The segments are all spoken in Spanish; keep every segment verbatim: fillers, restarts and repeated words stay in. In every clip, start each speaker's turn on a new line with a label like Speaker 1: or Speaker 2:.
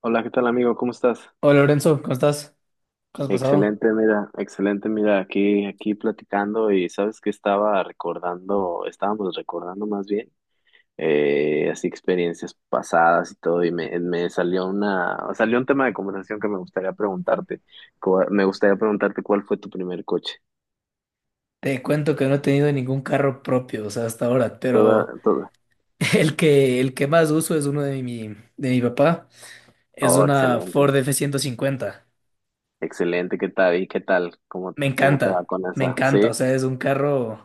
Speaker 1: Hola, ¿qué tal amigo? ¿Cómo estás?
Speaker 2: Hola Lorenzo, ¿cómo estás? ¿Cómo has pasado?
Speaker 1: Excelente, mira, excelente, mira, aquí, aquí platicando. Y sabes que estaba recordando, estábamos recordando más bien, eh, así experiencias pasadas y todo. Y me, me salió una, salió un tema de conversación que me gustaría preguntarte. Cu- me gustaría preguntarte ¿cuál fue tu primer coche?
Speaker 2: Te cuento que no he tenido ningún carro propio, o sea, hasta ahora,
Speaker 1: Toda,
Speaker 2: pero
Speaker 1: toda.
Speaker 2: el que, el que más uso es uno de mi, de mi papá, es
Speaker 1: Oh,
Speaker 2: una
Speaker 1: excelente,
Speaker 2: Ford f ciento cincuenta.
Speaker 1: excelente, ¿qué tal? ¿Y qué tal? ¿Cómo,
Speaker 2: Me
Speaker 1: cómo te va
Speaker 2: encanta,
Speaker 1: con
Speaker 2: me
Speaker 1: esa?
Speaker 2: encanta, o
Speaker 1: ¿Sí?
Speaker 2: sea, es un carro,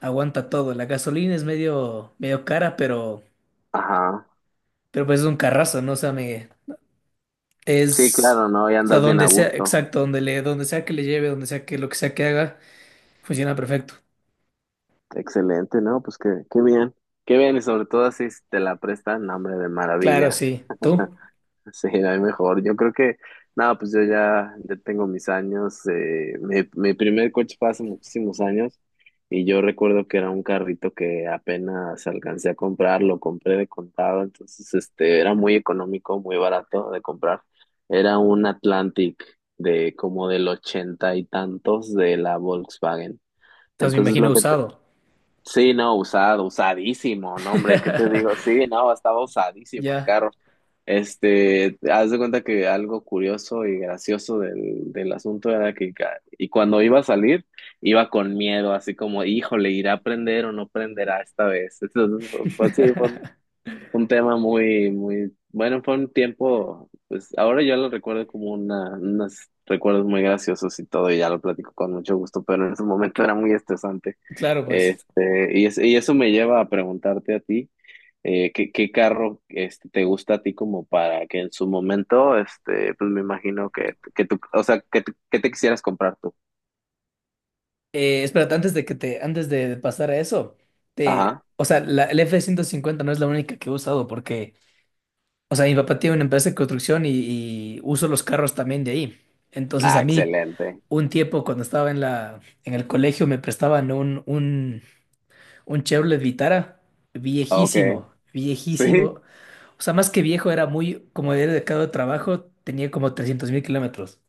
Speaker 2: aguanta todo. La gasolina es medio, medio cara, pero,
Speaker 1: Ajá.
Speaker 2: pero pues es un carrazo, ¿no? O sea, me,
Speaker 1: Sí,
Speaker 2: es,
Speaker 1: claro, ¿no? Y
Speaker 2: o sea,
Speaker 1: andas bien a
Speaker 2: donde sea,
Speaker 1: gusto.
Speaker 2: exacto, donde le, donde sea que le lleve, donde sea que lo que sea que haga, funciona perfecto.
Speaker 1: Excelente, ¿no? Pues qué, qué bien, qué bien, y sobre todo si te la prestan, hambre de
Speaker 2: Claro,
Speaker 1: maravilla.
Speaker 2: sí. ¿Tú?
Speaker 1: Sí, no hay mejor. Yo creo que, nada, pues yo ya, ya tengo mis años. eh, mi, mi primer coche fue hace muchísimos años, y yo recuerdo que era un carrito que apenas alcancé a comprar, lo compré de contado. Entonces este, era muy económico, muy barato de comprar. Era un Atlantic de como del ochenta y tantos, de la Volkswagen.
Speaker 2: Entonces me
Speaker 1: Entonces
Speaker 2: imagino
Speaker 1: lo que...
Speaker 2: usado.
Speaker 1: Sí, no, usado, usadísimo. No, hombre, ¿qué te digo? Sí, no, estaba usadísimo el
Speaker 2: Ya.
Speaker 1: carro. Este, haz de cuenta que algo curioso y gracioso del, del asunto era que ca- y cuando iba a salir, iba con miedo, así como, híjole, ¿irá a prender o no prenderá esta vez? Entonces, pues sí, fue un tema muy, muy, bueno, fue un tiempo. Pues ahora yo lo recuerdo como una, unos recuerdos muy graciosos y todo, y ya lo platico con mucho gusto, pero en ese momento era muy estresante.
Speaker 2: Claro, pues.
Speaker 1: Este, y, es- y eso me lleva a preguntarte a ti. eh, ¿qué, qué carro, este, te gusta a ti como para que en su momento, este, pues me imagino que, que, tú, o sea, que, tú- que te quisieras comprar tú?
Speaker 2: Eh, espérate, antes de que te, antes de pasar a eso, te,
Speaker 1: Ajá.
Speaker 2: o sea, la, el F ciento cincuenta no es la única que he usado porque, o sea, mi papá tiene una empresa de construcción y, y uso los carros también de ahí. Entonces
Speaker 1: Ah,
Speaker 2: a mí,
Speaker 1: excelente.
Speaker 2: un tiempo cuando estaba en la, en el colegio me prestaban un, un, un Chevrolet Vitara
Speaker 1: Ok.
Speaker 2: viejísimo,
Speaker 1: Sí.
Speaker 2: viejísimo. O sea, más que viejo, era muy, como era de cada trabajo, tenía como trescientos mil kilómetros.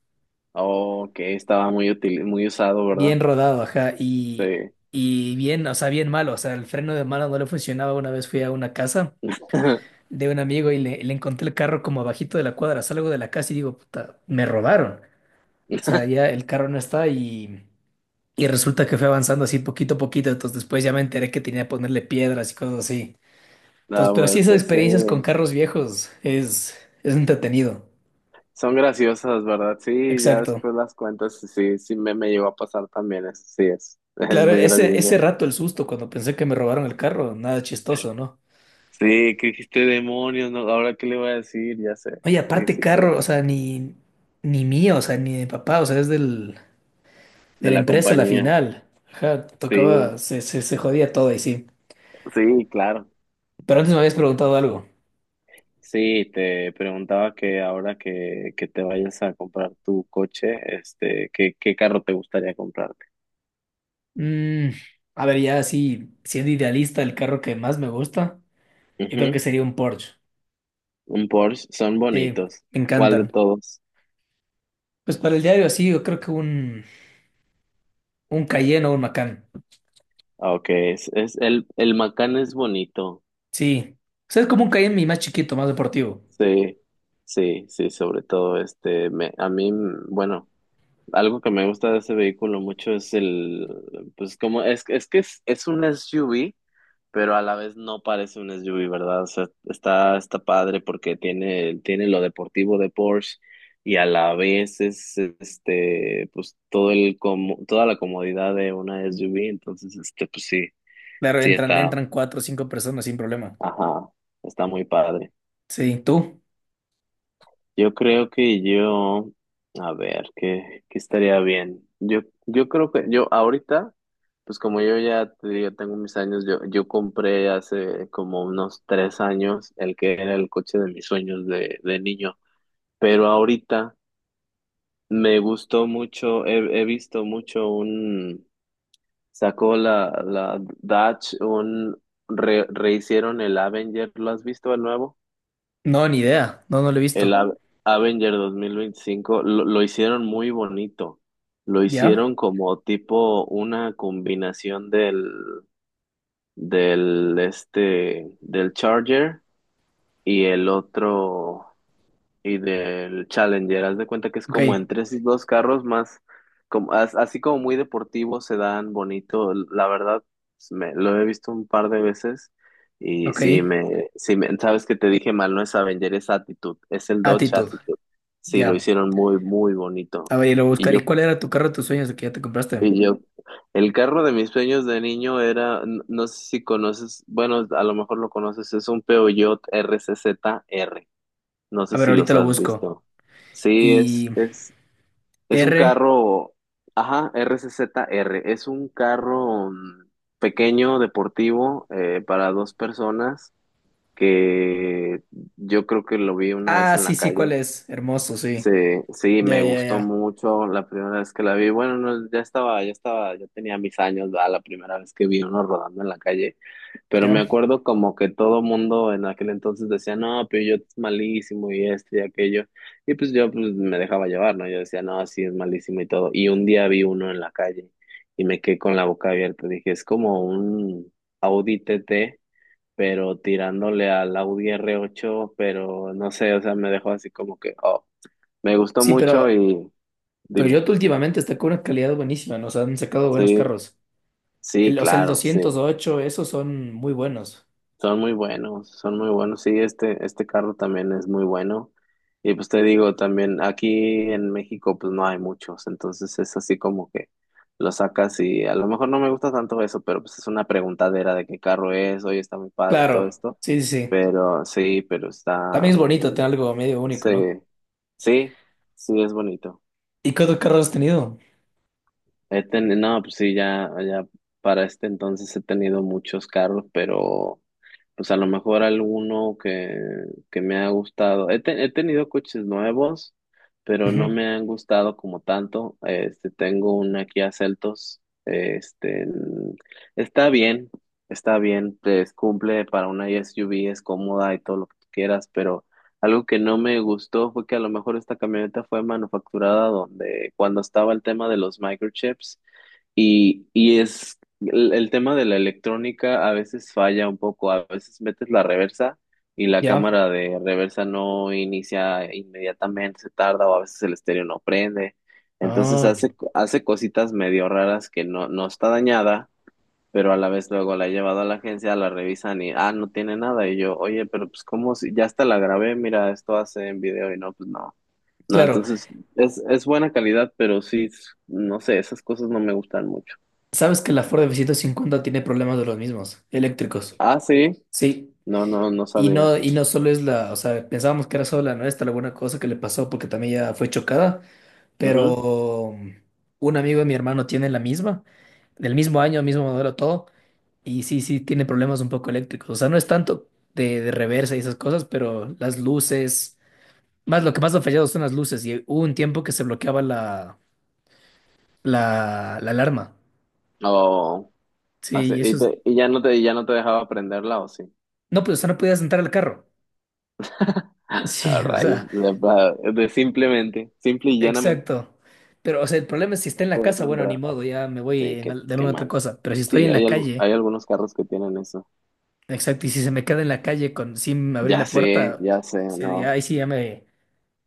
Speaker 1: Ok, estaba muy útil, muy usado, ¿verdad?
Speaker 2: Bien rodado, ajá, y,
Speaker 1: Sí.
Speaker 2: y bien, o sea, bien malo, o sea, el freno de mano no le funcionaba. Una vez fui a una casa de un amigo y le, le encontré el carro como abajito de la cuadra, salgo de la casa y digo, puta, me robaron. O sea, ya el carro no está y, y resulta que fue avanzando así poquito a poquito, entonces después ya me enteré que tenía que ponerle piedras y cosas así. Entonces,
Speaker 1: No,
Speaker 2: pero sí,
Speaker 1: pues
Speaker 2: esas
Speaker 1: sí.
Speaker 2: experiencias con carros viejos es, es entretenido.
Speaker 1: Son graciosas, ¿verdad? Sí, ya
Speaker 2: Exacto.
Speaker 1: después las cuentas, sí, sí me, me llegó a pasar también. Eso sí es, es
Speaker 2: Claro,
Speaker 1: muy
Speaker 2: ese, ese
Speaker 1: gracioso.
Speaker 2: rato el susto cuando pensé que me robaron el carro, nada chistoso, ¿no?
Speaker 1: Sí, que dijiste, demonios, ¿no? Ahora qué le voy a decir, ya sé.
Speaker 2: Oye,
Speaker 1: Sí,
Speaker 2: aparte
Speaker 1: sí,
Speaker 2: carro,
Speaker 1: creo.
Speaker 2: o sea, ni, ni mío, o sea, ni de papá, o sea, es del, de
Speaker 1: De
Speaker 2: la
Speaker 1: la
Speaker 2: empresa la
Speaker 1: compañía.
Speaker 2: final. Ajá,
Speaker 1: Sí,
Speaker 2: tocaba, se, se, se jodía todo y sí.
Speaker 1: sí, claro.
Speaker 2: Pero antes me habías preguntado algo.
Speaker 1: Sí, te preguntaba que ahora que, que, te vayas a comprar tu coche, este, ¿qué, qué carro te gustaría comprarte?
Speaker 2: Mm, a ver, ya así, siendo idealista, el carro que más me gusta, yo creo que
Speaker 1: Ujú.
Speaker 2: sería un Porsche.
Speaker 1: Un Porsche, son
Speaker 2: Sí,
Speaker 1: bonitos.
Speaker 2: me
Speaker 1: ¿Cuál de
Speaker 2: encantan.
Speaker 1: todos?
Speaker 2: Pues para el diario así, yo creo que un, un Cayenne o un Macan.
Speaker 1: Ah, okay, es, es el, el Macán es bonito.
Speaker 2: Sí. O sea, es como un Cayenne y más chiquito, más deportivo.
Speaker 1: Sí, sí, sí, sobre todo este, me, a mí, mm, bueno, algo que me gusta de ese vehículo mucho es el, pues como, es, es que es, es un S U V, pero a la vez no parece un S U V, ¿verdad? O sea, está, está padre porque tiene, tiene lo deportivo de Porsche, y a la vez es, este, pues todo el, como, toda la comodidad de una S U V. Entonces, este, pues sí,
Speaker 2: Claro,
Speaker 1: sí
Speaker 2: entran,
Speaker 1: está,
Speaker 2: entran cuatro o cinco personas sin problema.
Speaker 1: ajá, está muy padre.
Speaker 2: Sí, ¿tú?
Speaker 1: Yo creo que yo, a ver, ¿qué, qué estaría bien? Yo, yo creo que yo ahorita, pues como yo ya te digo, tengo mis años. Yo, yo compré hace como unos tres años el que era el coche de mis sueños de, de niño, pero ahorita me gustó mucho. He, he visto mucho un... Sacó la, la Dodge, un... re- Rehicieron el Avenger, ¿lo has visto el nuevo?
Speaker 2: No, ni idea. No, no lo he
Speaker 1: El
Speaker 2: visto.
Speaker 1: A Avenger dos mil veinticinco lo, lo hicieron muy bonito. Lo
Speaker 2: Ya,
Speaker 1: hicieron como tipo una combinación del, del, este, del Charger y el otro, y del Challenger. Haz de cuenta que es
Speaker 2: ok,
Speaker 1: como en tres y dos carros más, como, as- así como muy deportivo, se dan bonito. La verdad, pues, me, lo he visto un par de veces, y sí,
Speaker 2: ok.
Speaker 1: me, sí me, sabes que te dije mal, no es Avenger, es Attitude, es el Dodge
Speaker 2: Actitud,
Speaker 1: Attitude. Sí, lo
Speaker 2: ya.
Speaker 1: hicieron muy, muy bonito.
Speaker 2: A ver, lo
Speaker 1: Y
Speaker 2: buscaré.
Speaker 1: yo,
Speaker 2: ¿Y cuál era tu carro de tus sueños el que ya te compraste?
Speaker 1: y yo, el carro de mis sueños de niño era, n- no sé si conoces, bueno, a lo mejor lo conoces, es un Peugeot R C Z R. No
Speaker 2: A
Speaker 1: sé
Speaker 2: ver,
Speaker 1: si
Speaker 2: ahorita
Speaker 1: los
Speaker 2: lo
Speaker 1: has
Speaker 2: busco.
Speaker 1: visto. Sí, es,
Speaker 2: Y
Speaker 1: es, es un
Speaker 2: R.
Speaker 1: carro, ajá, R C Z R, es un carro, mm, pequeño, deportivo, eh, para dos personas, que yo creo que lo vi una vez
Speaker 2: Ah,
Speaker 1: en la
Speaker 2: sí, sí, ¿cuál
Speaker 1: calle.
Speaker 2: es? Hermoso,
Speaker 1: Sí,
Speaker 2: sí.
Speaker 1: sí,
Speaker 2: Ya,
Speaker 1: me
Speaker 2: ya,
Speaker 1: gustó
Speaker 2: ya.
Speaker 1: mucho la primera vez que la vi. Bueno, no, ya estaba, ya estaba, ya tenía mis años, ¿verdad? La primera vez que vi uno rodando en la calle. Pero me
Speaker 2: Ya.
Speaker 1: acuerdo como que todo mundo en aquel entonces decía, no, pero yo es malísimo y esto y aquello. Y pues yo pues, me dejaba llevar, ¿no? Yo decía, no, sí, es malísimo y todo. Y un día vi uno en la calle y me quedé con la boca abierta. Dije, es como un Audi T T, pero tirándole al Audi r ocho, pero no sé, o sea, me dejó así como que, oh. Me gustó
Speaker 2: Sí,
Speaker 1: mucho
Speaker 2: pero
Speaker 1: y dime,
Speaker 2: Toyota últimamente está con una calidad buenísima. Nos han sacado buenos
Speaker 1: sí,
Speaker 2: carros.
Speaker 1: sí,
Speaker 2: El, o sea, el
Speaker 1: claro, sí,
Speaker 2: doscientos ocho esos son muy buenos.
Speaker 1: son muy buenos, son muy buenos, sí, este, este, carro también es muy bueno. Y pues te digo, también aquí en México pues no hay muchos, entonces es así como que lo sacas y a lo mejor no me gusta tanto eso, pero pues es una preguntadera de qué carro es. Oye, está muy padre y todo
Speaker 2: Claro,
Speaker 1: esto,
Speaker 2: sí, sí, sí.
Speaker 1: pero sí, pero está,
Speaker 2: También es bonito
Speaker 1: mm,
Speaker 2: tener algo medio único,
Speaker 1: sí,
Speaker 2: ¿no?
Speaker 1: sí, sí, es bonito.
Speaker 2: ¿Y cuántos carros has tenido?
Speaker 1: He teni- no, pues sí, ya, ya para este entonces he tenido muchos carros, pero pues a lo mejor alguno que, que me ha gustado. He, te- he tenido coches nuevos, pero no
Speaker 2: Ujú,
Speaker 1: me han gustado como tanto. Este, tengo una Kia Celtos. Este, mm, está bien, está bien, pues cumple para una S U V, es cómoda y todo lo que tú quieras, pero algo que no me gustó fue que a lo mejor esta camioneta fue manufacturada donde cuando estaba el tema de los microchips. Y, y es el, el tema de la electrónica a veces falla un poco, a veces metes la reversa y la
Speaker 2: ya.
Speaker 1: cámara de reversa no inicia inmediatamente, se tarda, o a veces el estéreo no prende. Entonces
Speaker 2: Ah,
Speaker 1: hace, hace cositas medio raras que no, no está dañada, pero a la vez luego la he llevado a la agencia, la revisan y, ah, no tiene nada. Y yo, oye, pero pues cómo, si ya hasta la grabé, mira, esto hace en video. Y no, pues no. No,
Speaker 2: claro.
Speaker 1: entonces es, es buena calidad, pero sí, no sé, esas cosas no me gustan mucho.
Speaker 2: Sabes que la Ford f ciento cincuenta tiene problemas de los mismos, eléctricos.
Speaker 1: Ah, sí.
Speaker 2: Sí,
Speaker 1: No, no, no
Speaker 2: y
Speaker 1: sabía.
Speaker 2: no, y no solo es la, o sea, pensábamos que era solo la nuestra, la buena cosa que le pasó porque también ya fue chocada,
Speaker 1: Ujú.
Speaker 2: pero mm, un amigo de mi hermano tiene la misma, del mismo año, mismo modelo, todo, y sí, sí, tiene problemas un poco eléctricos. O sea, no es tanto de, de reversa y esas cosas, pero las luces, más lo que más ha fallado son las luces, y hubo un tiempo que se bloqueaba la, la, la alarma.
Speaker 1: Oh,
Speaker 2: Sí,
Speaker 1: así.
Speaker 2: y eso
Speaker 1: ¿Y,
Speaker 2: es,
Speaker 1: te- y ya no te, y ya no te dejaba aprenderla, o sí?
Speaker 2: no, pues, o sea, no podías entrar al carro. Sí,
Speaker 1: A
Speaker 2: o
Speaker 1: rayos.
Speaker 2: sea,
Speaker 1: De, pa- de Simplemente, simple y llanamente
Speaker 2: exacto. Pero, o sea, el problema es si está en
Speaker 1: te
Speaker 2: la
Speaker 1: vas a
Speaker 2: casa, bueno, ni
Speaker 1: entrar.
Speaker 2: modo, ya me
Speaker 1: Sí,
Speaker 2: voy en
Speaker 1: qué,
Speaker 2: al- de
Speaker 1: qué
Speaker 2: alguna otra
Speaker 1: mal.
Speaker 2: cosa. Pero si estoy
Speaker 1: Sí,
Speaker 2: en
Speaker 1: hay,
Speaker 2: la
Speaker 1: algu-
Speaker 2: calle,
Speaker 1: hay algunos carros que tienen eso.
Speaker 2: exacto, y si se me queda en la calle con, sin abrir
Speaker 1: Ya
Speaker 2: la
Speaker 1: sé,
Speaker 2: puerta,
Speaker 1: ya sé,
Speaker 2: se-
Speaker 1: no.
Speaker 2: ya, ahí sí ya me,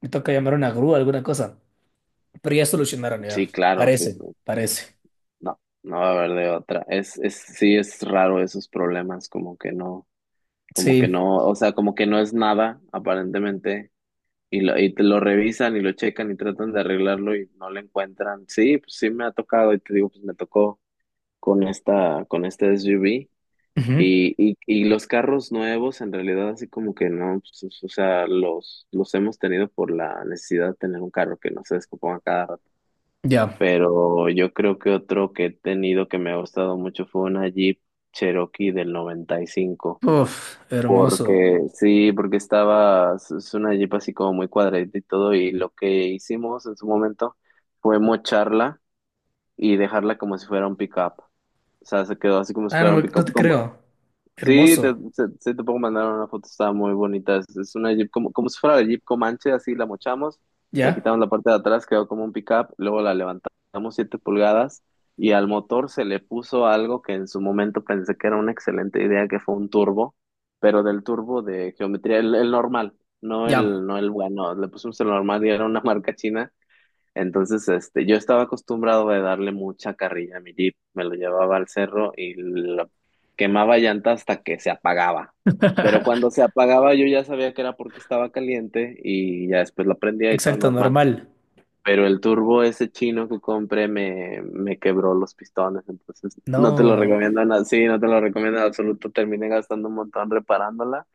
Speaker 2: me toca llamar a una grúa, alguna cosa. Pero ya solucionaron, ya.
Speaker 1: Sí, claro, sí.
Speaker 2: Parece,
Speaker 1: Pues,
Speaker 2: parece.
Speaker 1: no, no va a haber de otra. Es, es, sí, es raro esos problemas, como que no, como que
Speaker 2: Sí.
Speaker 1: no, o sea, como que no es nada, aparentemente, y lo, y te lo revisan y lo checan y tratan de arreglarlo y no lo encuentran. Sí, pues sí me ha tocado y te digo, pues me tocó con esta, con este S U V.
Speaker 2: Ujú,
Speaker 1: Y, y, y los carros nuevos, en realidad, así como que no, pues, o sea, los, los hemos tenido por la necesidad de tener un carro que no se descomponga cada rato.
Speaker 2: ya.
Speaker 1: Pero yo creo que otro que he tenido que me ha gustado mucho fue una Jeep Cherokee del noventa y cinco.
Speaker 2: Uf, hermoso.
Speaker 1: Porque sí, porque estaba, es es una Jeep así como muy cuadradita y todo, y lo que hicimos en su momento fue mocharla y dejarla como si fuera un pickup. O sea, se quedó así como si
Speaker 2: Ah, no,
Speaker 1: fuera un
Speaker 2: me- no
Speaker 1: pickup.
Speaker 2: te creo.
Speaker 1: Sí, te,
Speaker 2: Hermoso.
Speaker 1: se- sí te puedo mandar una foto, está muy bonita. Es, es una Jeep como, como si fuera la Jeep Comanche, así la mochamos, le
Speaker 2: ¿Ya?
Speaker 1: quitamos la parte de atrás, quedó como un pickup, luego la levantamos siete pulgadas, y al motor se le puso algo que en su momento pensé que era una excelente idea, que fue un turbo, pero del turbo de geometría, el, el normal, no
Speaker 2: Ya.
Speaker 1: el, no el bueno, le pusimos el normal, y era una marca china. Entonces, este, yo estaba acostumbrado a darle mucha carrilla a mi Jeep, me lo llevaba al cerro y lo quemaba llanta hasta que se apagaba. Pero cuando se apagaba yo ya sabía que era porque estaba caliente, y ya después lo prendía y todo
Speaker 2: Exacto,
Speaker 1: normal.
Speaker 2: normal.
Speaker 1: Pero el turbo ese chino que compré me, me quebró los pistones, entonces no te lo
Speaker 2: No.
Speaker 1: recomiendo nada, sí, no te lo recomiendo en absoluto. Terminé gastando un montón reparándola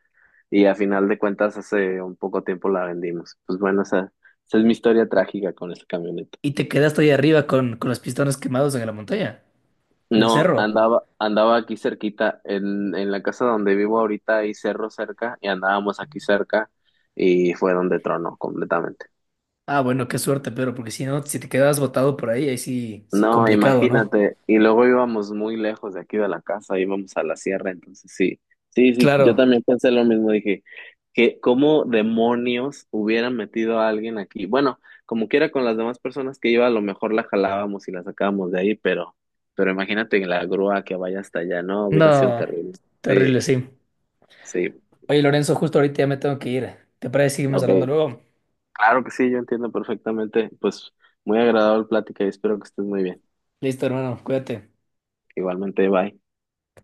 Speaker 1: y a final de cuentas hace un poco tiempo la vendimos. Pues bueno, esa, esa es mi historia trágica con esa camioneta.
Speaker 2: Y te quedaste ahí arriba con, con los pistones quemados en la montaña, en el
Speaker 1: No,
Speaker 2: cerro.
Speaker 1: andaba, andaba aquí cerquita, en, en la casa donde vivo ahorita hay cerro cerca y andábamos aquí cerca, y fue donde tronó completamente.
Speaker 2: Ah, bueno, qué suerte, pero porque si no, si te quedabas botado por ahí, ahí sí es
Speaker 1: No,
Speaker 2: complicado, ¿no?
Speaker 1: imagínate, y luego íbamos muy lejos de aquí de la casa, íbamos a la sierra. Entonces sí, sí, sí, yo
Speaker 2: Claro.
Speaker 1: también pensé lo mismo, dije, que cómo demonios hubieran metido a alguien aquí. Bueno, como quiera con las demás personas que iba, a lo mejor la jalábamos y la sacábamos de ahí, pero, pero imagínate en la grúa que vaya hasta allá, no, hubiera sido
Speaker 2: No,
Speaker 1: terrible.
Speaker 2: terrible,
Speaker 1: Sí.
Speaker 2: sí.
Speaker 1: Sí,
Speaker 2: Oye, Lorenzo, justo ahorita ya me tengo que ir. ¿Te parece que seguimos hablando
Speaker 1: ok.
Speaker 2: luego?
Speaker 1: Claro que sí, yo entiendo perfectamente. Pues muy agradable plática y espero que estés muy bien.
Speaker 2: Listo, hermano, cuídate.
Speaker 1: Igualmente, bye.